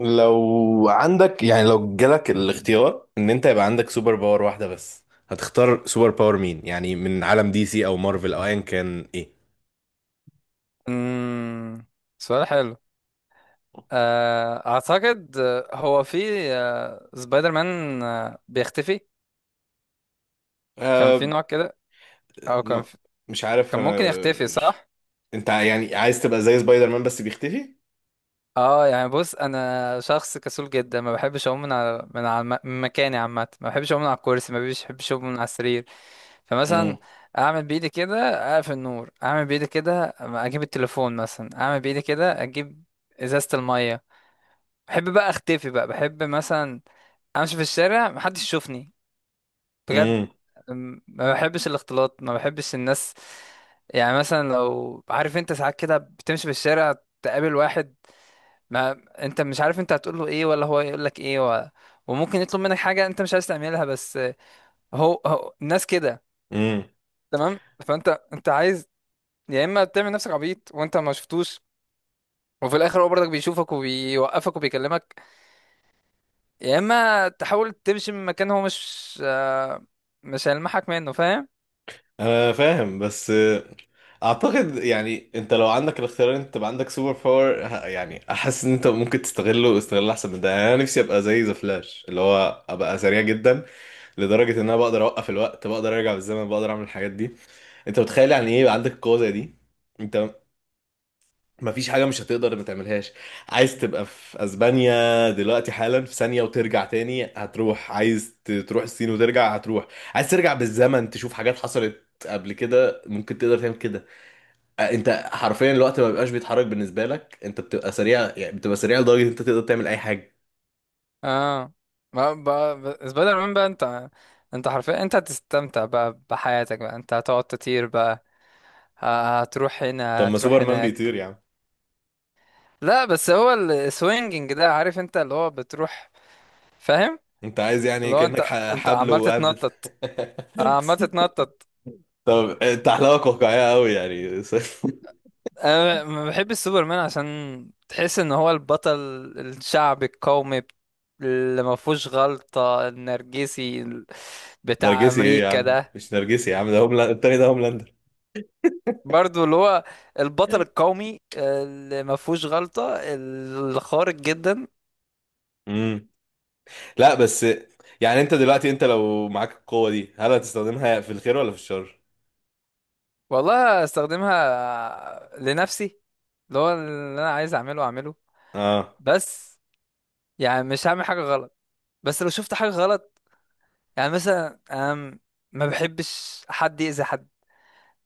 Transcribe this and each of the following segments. لو عندك، يعني لو جالك الاختيار ان انت يبقى عندك سوبر باور واحدة بس، هتختار سوبر باور مين؟ يعني من عالم دي سي او مارفل او ايا كان؟ ايه؟ امم سؤال حلو. اعتقد هو في سبايدر مان بيختفي. كان في أه. نوع كده، او كان ما- في... مش عارف كان انا. ممكن يختفي، صح؟ انت يعني عايز تبقى زي سبايدر مان بس بيختفي؟ اه، يعني بص، انا شخص كسول جدا، ما بحبش اقوم من مكاني عامه. ما بحبش اقوم من على الكرسي، ما بحبش اقوم من على السرير. مم. فمثلا اعمل بايدي كده اقفل النور، اعمل بايدي كده اجيب التليفون مثلا، اعمل بايدي كده اجيب ازازه الميه. بحب بقى اختفي بقى، بحب مثلا امشي في الشارع محدش يشوفني، بجد. امم، ما بحبش الاختلاط، ما بحبش الناس. يعني مثلا، لو عارف انت، ساعات كده بتمشي في الشارع تقابل واحد، ما انت مش عارف انت هتقول له ايه ولا هو يقول لك ايه، و... وممكن يطلب منك حاجة انت مش عايز تعملها. بس هو الناس كده، امم. تمام. فانت انت عايز، يا اما تعمل نفسك عبيط وانت ما شفتوش وفي الاخر هو برضك بيشوفك وبيوقفك وبيكلمك، يا اما تحاول تمشي من مكان هو مش هيلمحك منه، فاهم. انا فاهم، بس اعتقد يعني انت لو عندك الاختيار إن انت تبقى عندك سوبر باور، يعني احس ان انت ممكن تستغله استغلال احسن من ده. يعني انا نفسي ابقى زي ذا فلاش، اللي هو ابقى سريع جدا لدرجه ان انا بقدر اوقف الوقت، بقدر ارجع بالزمن، بقدر اعمل الحاجات دي. انت متخيل يعني ايه يبقى عندك القوه زي دي؟ انت مفيش حاجه مش هتقدر ما تعملهاش. عايز تبقى في اسبانيا دلوقتي حالا؟ في ثانيه وترجع تاني. هتروح، عايز تروح الصين وترجع؟ هتروح. عايز ترجع بالزمن تشوف حاجات حصلت قبل كده؟ ممكن تقدر تعمل كده. انت حرفيا الوقت ما بيبقاش بيتحرك بالنسبه لك. انت بتبقى سريع، يعني بتبقى سريع لدرجه ان انت تقدر تعمل اي حاجه. اه، ما بقى سبايدر مان بقى انت، انت حرفيا انت هتستمتع بقى بحياتك بقى، انت هتقعد تطير بقى، هتروح طب هنا ما هتروح سوبرمان هناك. بيطير يا عم. لا، بس هو السوينجينج ده، عارف انت، اللي هو بتروح، فاهم. انت عايز يعني اللي هو انت، كانك حبل عمال وقاعد تتنطط، عمال بت- تتنطط. طب، انت احلامك واقعية قوي يعني. انا ما بحبش سوبرمان، عشان تحس ان هو البطل الشعبي القومي اللي ما فيهوش غلطة، النرجسي بتاع نرجسي ايه يا امريكا عم؟ ده. مش نرجسي يا عم، ده هوملاند التاني، ده هوملاندر. برضو اللي هو البطل القومي اللي ما فيهوش غلطة، الخارق جدا. امم. لا، بس يعني انت دلوقتي، انت لو معاك القوة دي، هل هتستخدمها في الخير ولا في الشر؟ والله استخدمها لنفسي، اللي هو اللي انا عايز اعمله اعمله اه. بس. يعني مش هعمل حاجة غلط، بس لو شفت حاجة غلط، يعني مثلا انا ما بحبش حد يأذي حد.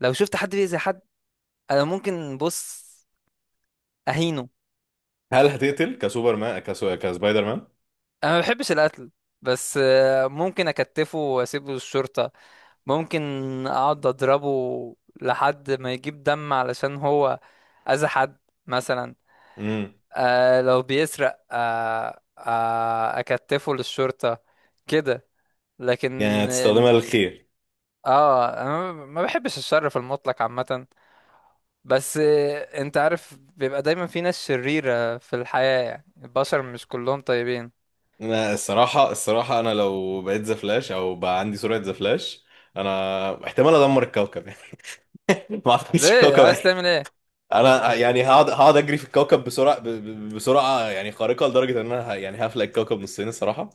لو شفت حد بيأذي حد، انا ممكن، بص، اهينه. هل هتقتل كسوبر مان، كسبايدر مان؟ انا ما بحبش القتل، بس ممكن اكتفه واسيبه للشرطة. ممكن اقعد اضربه لحد ما يجيب دم، علشان هو اذى حد مثلا. امم. لو بيسرق اكتفه للشرطة، كده. يعني لكن هتستخدمها إن- للخير. اه انا ما بحبش الشر في المطلق عامة، بس انت عارف بيبقى دايما في ناس شريرة في الحياة، يعني البشر مش كلهم طيبين. انا الصراحة، الصراحة انا لو بقيت ذا فلاش او بقى عندي سرعة ذا فلاش، انا احتمال ادمر الكوكب. يعني ما اعتقدش ليه الكوكب. عايز تعمل انا يعني هقعد اجري في الكوكب بسرعه يعني خارقه لدرجه ان انا يعني هفلق الكوكب نصين، الصراحه.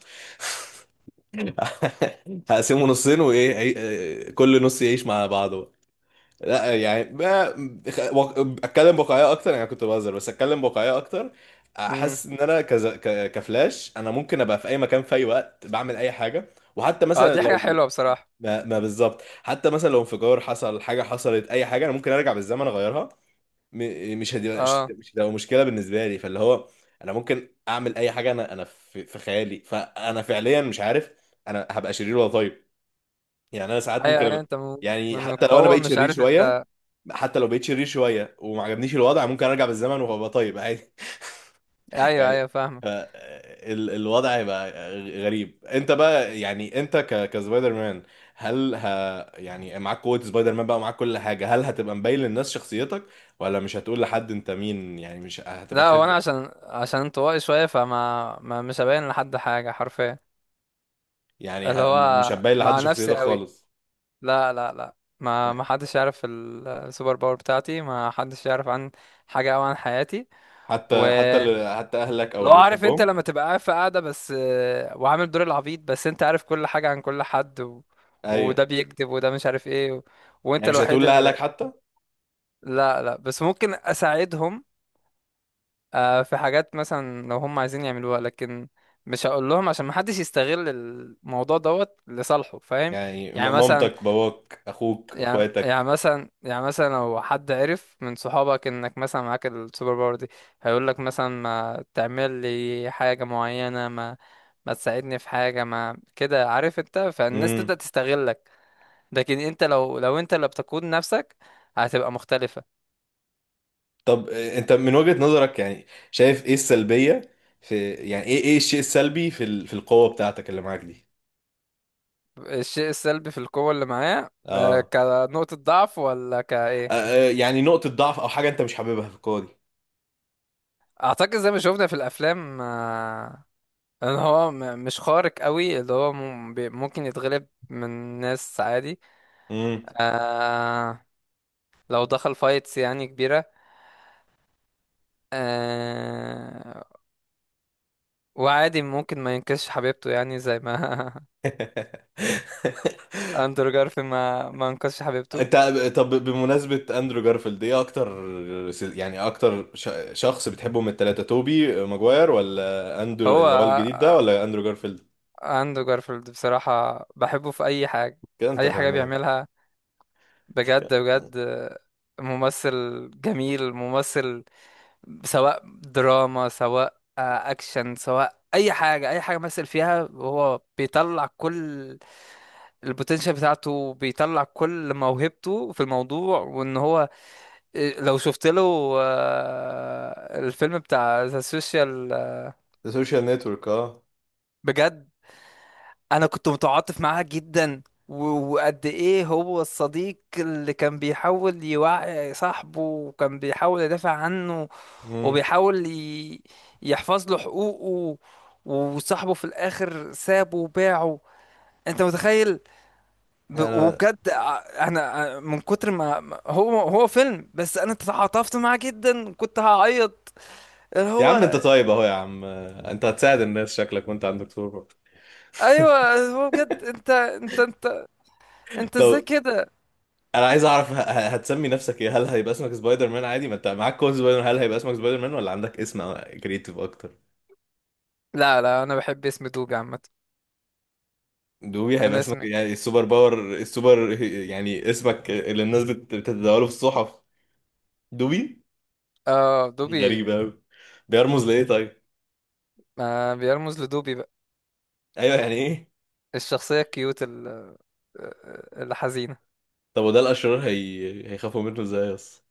هقسمه نصين، وايه كل نص يعيش مع بعضه بقى. لا. اتكلم بواقعيه اكتر، يعني كنت بهزر، بس اتكلم بواقعيه اكتر. ايه؟ احس ان انا كفلاش، انا ممكن ابقى في اي مكان في اي وقت، بعمل اي حاجه. وحتى اه، مثلا دي حاجة لو حلوة بصراحة. ما بالظبط، حتى مثلا لو انفجار حصل، حاجه حصلت، اي حاجه، انا ممكن ارجع بالزمن اغيرها. م- مش هتبقى مش اه مش هتبقى مشكله بالنسبه لي، فاللي هو انا ممكن اعمل اي حاجه. انا في خيالي. فانا فعليا مش عارف انا هبقى شرير ولا طيب. يعني انا ساعات ايوه ممكن ايوه، أبقى، انت من يعني من حتى لو انا القوة بقيت مش شرير عارف شويه، انت. حتى لو بقيت شرير شويه وما عجبنيش الوضع، ممكن ارجع بالزمن وابقى طيب عادي. ايوه يعني ايوه فاهمة. ف- الوضع هيبقى غريب. انت بقى، يعني انت كسبايدر مان، هل يعني معاك قوة سبايدر مان بقى، ومعاك كل حاجة، هل هتبقى مبين للناس شخصيتك، ولا مش هتقول لحد انت مين؟ يعني مش هتبقى لا هو انا، خافية. عشان انطوائي شوية، فما ما مش هبين لحد حاجة حرفيا، يعني اللي مش هو هتبين لحد مع نفسي شخصيتك قوي. خالص؟ لا لا لا، ما حدش يعرف السوبر باور بتاعتي، ما حدش يعرف عن حاجة او عن حياتي. حتى حتى ولو، ال- حتى اهلك او اللي عارف انت، بتحبهم؟ لما تبقى قاعد في قاعدة بس وعامل دور العبيط، بس انت عارف كل حاجة عن كل حد، و... ايوه. وده بيكذب وده مش عارف ايه، و... يعني وانت مش الوحيد. هتقول لاهلك حتى؟ لا لا، بس ممكن اساعدهم. في حاجات مثلا لو هم عايزين يعملوها، لكن مش هقول لهم عشان محدش يستغل الموضوع دوت لصالحه، فاهم. يعني يعني مثلا، مامتك، باباك، اخوك، اخواتك؟ لو حد عرف من صحابك انك مثلا معاك السوبر باور دي، هيقول لك مثلا ما تعمل لي حاجة معينة، ما ما تساعدني في حاجة، ما كده، عارف انت، فالناس امم. تبدأ تستغلك. لكن انت، لو انت اللي بتقود نفسك، هتبقى مختلفة. طب، انت من وجهة نظرك يعني شايف ايه السلبية في، يعني، ايه الشيء السلبي في في القوة بتاعتك اللي معاك دي؟ الشيء السلبي في القوة اللي معاه، اه. كنقطة ضعف ولا كايه. يعني نقطة ضعف او حاجة انت مش حاببها في القوة دي؟ اعتقد زي ما شفنا في الافلام، ان هو مش خارق قوي، اللي هو ممكن يتغلب من ناس عادي. امم. آه، لو دخل فايتس يعني كبيرة، آه، وعادي ممكن ما ينقذش حبيبته، يعني زي ما اندرو جارفيلد ما انقذش حبيبته. انت، طب بمناسبة اندرو جارفيلد، ايه اكتر يعني اكتر شخص بتحبه من التلاتة؟ توبي ماجواير، ولا اندرو هو اللي هو الجديد ده، ولا اندرو جارفيلد؟ اندرو جارفيلد بصراحة بحبه في اي حاجة، كده انت اي حاجة فاهمان. بيعملها، بجد بجد. ممثل جميل، ممثل، سواء دراما، سواء اكشن، سواء اي حاجه، اي حاجه مثل فيها هو بيطلع كل البوتنشال بتاعته، بيطلع كل موهبته في الموضوع. وان هو لو شفت له الفيلم بتاع ذا سوشيال، ده سوشيال نتورك، اه. بجد، انا كنت متعاطف معاه جدا. وقد ايه هو الصديق اللي كان بيحاول يوعي صاحبه، وكان بيحاول يدافع عنه، امم. وبيحاول يحفظ له حقوقه، وصاحبه في الاخر سابه وباعه، انت متخيل. ب- انا وبجد ع- انا ع- من كتر ما هو، فيلم بس انا تعاطفت معاه جدا، كنت هعيط. اللي يا عم انت هو طيب اهو يا عم، انت هتساعد الناس شكلك، وانت عندك سوبر. ايوه، هو بجد، انت ازاي طب كده. انا عايز اعرف هتسمي نفسك ايه؟ هل هيبقى اسمك سبايدر مان عادي ما انت معاك كود سبايدر مان؟ هل هيبقى اسمك سبايدر مان، ولا عندك اسم كريتيف اكتر؟ لا لا، انا بحب اسم دوج عامه. دوبي هيبقى انا اسمك؟ اسمي يعني السوبر باور، السوبر، يعني اسمك اللي الناس بتتداوله في الصحف. دوبي. اه دوبي. غريبة قوي. بيرمز لايه طيب؟ ما بيرمز لدوبي بقى، ايوه، يعني ايه؟ الشخصية الكيوت الحزينة. طب وده الاشرار هيخافوا منه ازاي اصلا؟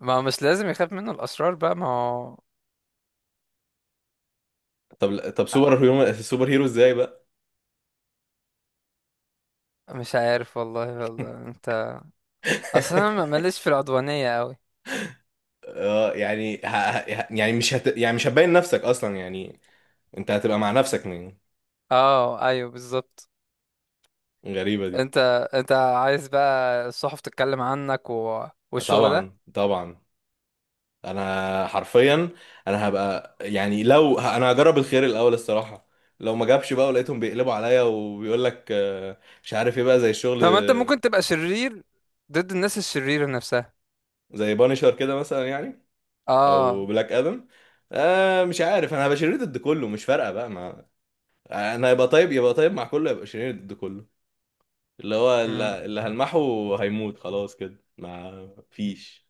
ما مش لازم يخاف منه الأشرار بقى، ما هو. طب، طب، آه، سوبر هيرو سوبر هيرو ازاي بقى؟ مش عارف والله، والله انت، اصلا أنا ماليش في العدوانية قوي. اه، يعني يعني مش هت... يعني مش هتبين نفسك اصلا يعني؟ انت هتبقى مع نفسك من. اه ايوه بالظبط. غريبة دي. انت انت عايز بقى الصحف تتكلم عنك و... والشغل ده. طبعا، طبعا. انا حرفيا، انا هبقى يعني لو انا هجرب الخير الاول الصراحة. لو ما جابش بقى ولقيتهم بيقلبوا عليا وبيقول لك مش عارف ايه بقى زي الشغل طب ما انت آه، ممكن تبقى شرير ضد الناس الشريرة نفسها. زي بانشر كده مثلا يعني، اه. او بلاك ادم. مش عارف، انا هبقى شرير ضد كله، مش فارقة بقى ما. انا يبقى طيب مع كله، يبقى شرير ضد كله. اللي هو اللي امم. اللي هلمحه هيموت خلاص كده، ما فيش.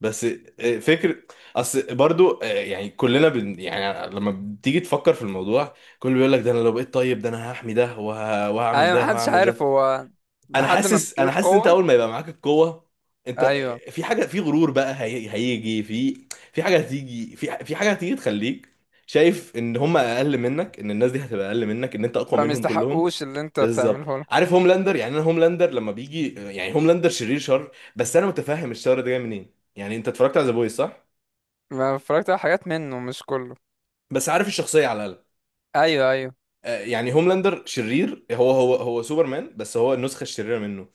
بس فكرة. اصل برضو، يعني كلنا يعني لما بتيجي تفكر في الموضوع، كله بيقول لك ده انا لو بقيت طيب ده انا هحمي ده وهعمل ايوه، ده محدش وهعمل عارف ده. هو، انا لحد ما حاسس بتجيله انا حاسس ان انت القوة. اول ما يبقى معاك القوه، انت ايوه، في حاجه، في غرور بقى هيجي في، في حاجه هتيجي، في حاجه هتيجي تخليك شايف ان هم اقل منك، ان الناس دي هتبقى اقل منك، ان انت اقوى فما منهم كلهم. يستحقوش اللي انت بالظبط. بتعمله له. عارف هوملاندر؟ يعني انا هوملاندر لما بيجي، يعني هوملاندر شرير شر، بس انا متفهم الشر ده جاي منين. يعني انت اتفرجت على ذا بويز؟ صح. ما اتفرجت على حاجات منه، مش كله. بس عارف الشخصيه على الاقل. ايوه ايوه. يعني هوملاندر شرير. هو هو سوبرمان، بس هو النسخه الشريره منه.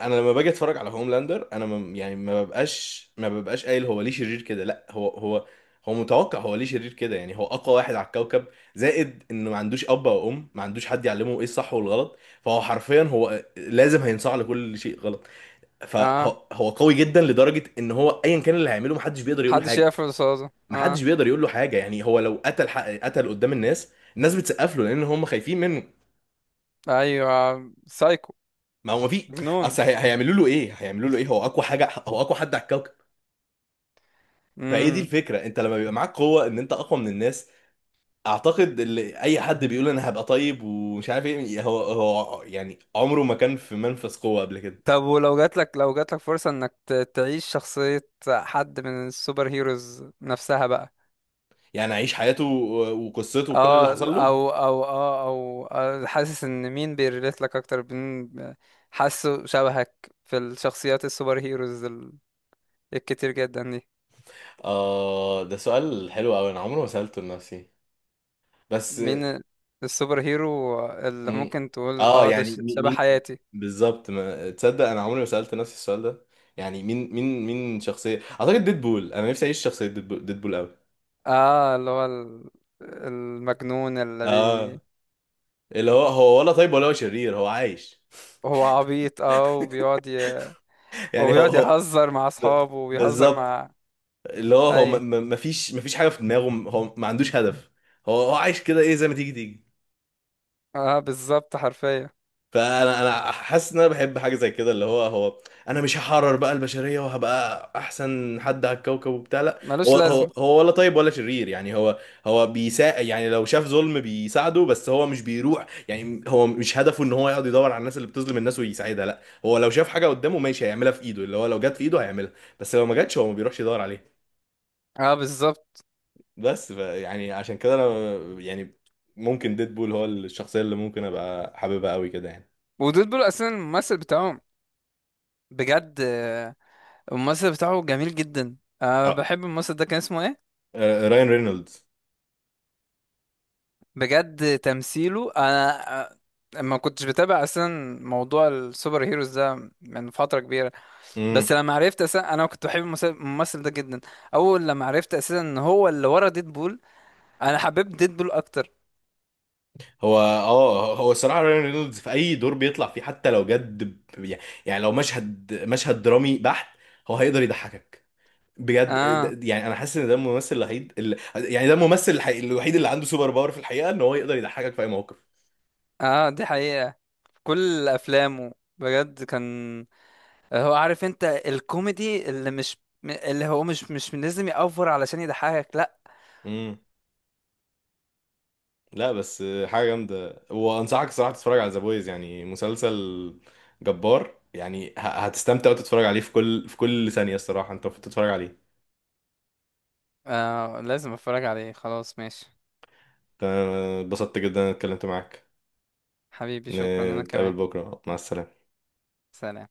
انا لما باجي اتفرج على هوملاندر، انا ما يعني ما ببقاش قايل هو ليه شرير كده. لا، هو. هو متوقع. هو ليه شرير كده؟ يعني هو اقوى واحد على الكوكب. زائد انه ما عندوش اب او ام، ما عندوش حد يعلمه ايه الصح والغلط، فهو حرفيا هو لازم هينصاع لكل شيء غلط. اه، فهو قوي جدا لدرجة ان هو ايا كان اللي هيعمله، محدش بيقدر يقول له حد حاجة. شاف رصاصة، اه. محدش بيقدر يقول له حاجة. يعني هو لو قتل حق قتل قدام الناس، الناس بتسقف له لان هم خايفين منه. ايوه، سايكو. ما هو ما في. جنون. اصل هيعملوا له ايه؟ هيعملوا له ايه؟ هو اقوى حاجة، هو اقوى حد على الكوكب. فايه دي امم. الفكره، انت لما بيبقى معاك قوه، ان انت اقوى من الناس. اعتقد اللي اي حد بيقول انا هبقى طيب ومش عارف ايه، هو يعني عمره ما كان في منفذ قوه قبل كده. طب ولو جاتلك، لو جاتلك فرصة انك تعيش شخصية حد من السوبر هيروز نفسها بقى. يعني عيش حياته وقصته وكل اللي اه، حصل له. او او اه او آه، حاسس ان مين بيريليت لك اكتر؟ مين حاسه شبهك في الشخصيات السوبر هيروز الكتير جدا دي؟ اه، ده سؤال حلو قوي، انا عمري ما سالته لنفسي. بس مين السوبر هيرو اللي م- ممكن تقول اه اه ده يعني شبه مين حياتي؟ بالظبط؟ ما تصدق انا عمري ما سالت نفسي السؤال ده. يعني مين، مين شخصيه؟ اعتقد ديدبول. انا نفسي اعيش شخصيه ديدبول. ديدبول قوي. اه، اللي هو المجنون اللي بي. اه، اللي هو ولا طيب ولا هو شرير، هو عايش. هو عبيط، اه، يعني هو وبيقعد هو يهزر مع ب- اصحابه، وبيهزر بالظبط. مع. اللي هو اي. ما فيش حاجه في دماغه. هو ما عندوش هدف. هو عايش كده، ايه زي ما تيجي تيجي. اه بالظبط، حرفيا. فانا حاسس ان انا بحب حاجه زي كده. اللي هو. انا مش هحرر بقى البشريه وهبقى احسن حد على الكوكب وبتاع، لا. ملوش هو لازمة. هو هو ولا طيب ولا شرير، يعني. هو هو بيساعد، يعني لو شاف ظلم بيساعده، بس هو مش بيروح. يعني هو مش هدفه ان هو يقعد يدور على الناس اللي بتظلم الناس ويساعدها. لا، هو لو شاف حاجه قدامه ماشي هيعملها في ايده، اللي هو لو جت في ايده هيعملها. بس لو ما جاتش هو ما بيروحش يدور عليها. اه بالظبط. بس يعني عشان كده انا يعني ممكن ديدبول هو الشخصيه اللي ممكن ابقى حاببها قوي كده، يعني. ودول بول اساسا الممثل بتاعهم، بجد. الممثل بتاعه جميل جدا. اه، بحب الممثل ده، كان اسمه ايه؟ رايان رينولدز. بجد تمثيله. انا ما كنتش بتابع اصلا موضوع السوبر هيروز ده من فتره كبيره، امم. بس لما عرفت اساسا انا كنت بحب الممثل ده جدا. اول لما عرفت اساسا ان هو اللي ورا ديدبول، انا حبيت ديدبول اكتر. هو الصراحه رايان رينولدز في اي دور بيطلع فيه، حتى لو جد يعني، لو مشهد مشهد درامي بحت، هو هيقدر يضحكك، بجد. اه. يعني انا حاسس ان ده الممثل الوحيد اللي، يعني ده الممثل الوحيد اللي عنده سوبر باور في الحقيقه، ان هو يقدر يضحكك في اي موقف. اه، دي حقيقه، في كل افلامه، بجد. كان هو، عارف انت، الكوميدي اللي هو مش لازم يأفور علشان يضحكك، لا. امم. لا بس حاجة جامدة، وأنصحك الصراحة تتفرج على ذا بويز. يعني مسلسل جبار، يعني هتستمتع وتتفرج عليه في كل، في كل ثانية الصراحة. أنت المفروض تتفرج عليه. لازم اتفرج عليه، خلاص ماشي. أنا اتبسطت جدا إن أنا اتكلمت معاك. حبيبي شكرا، انا نتقابل كمان. بكرة. مع السلامة. سلام.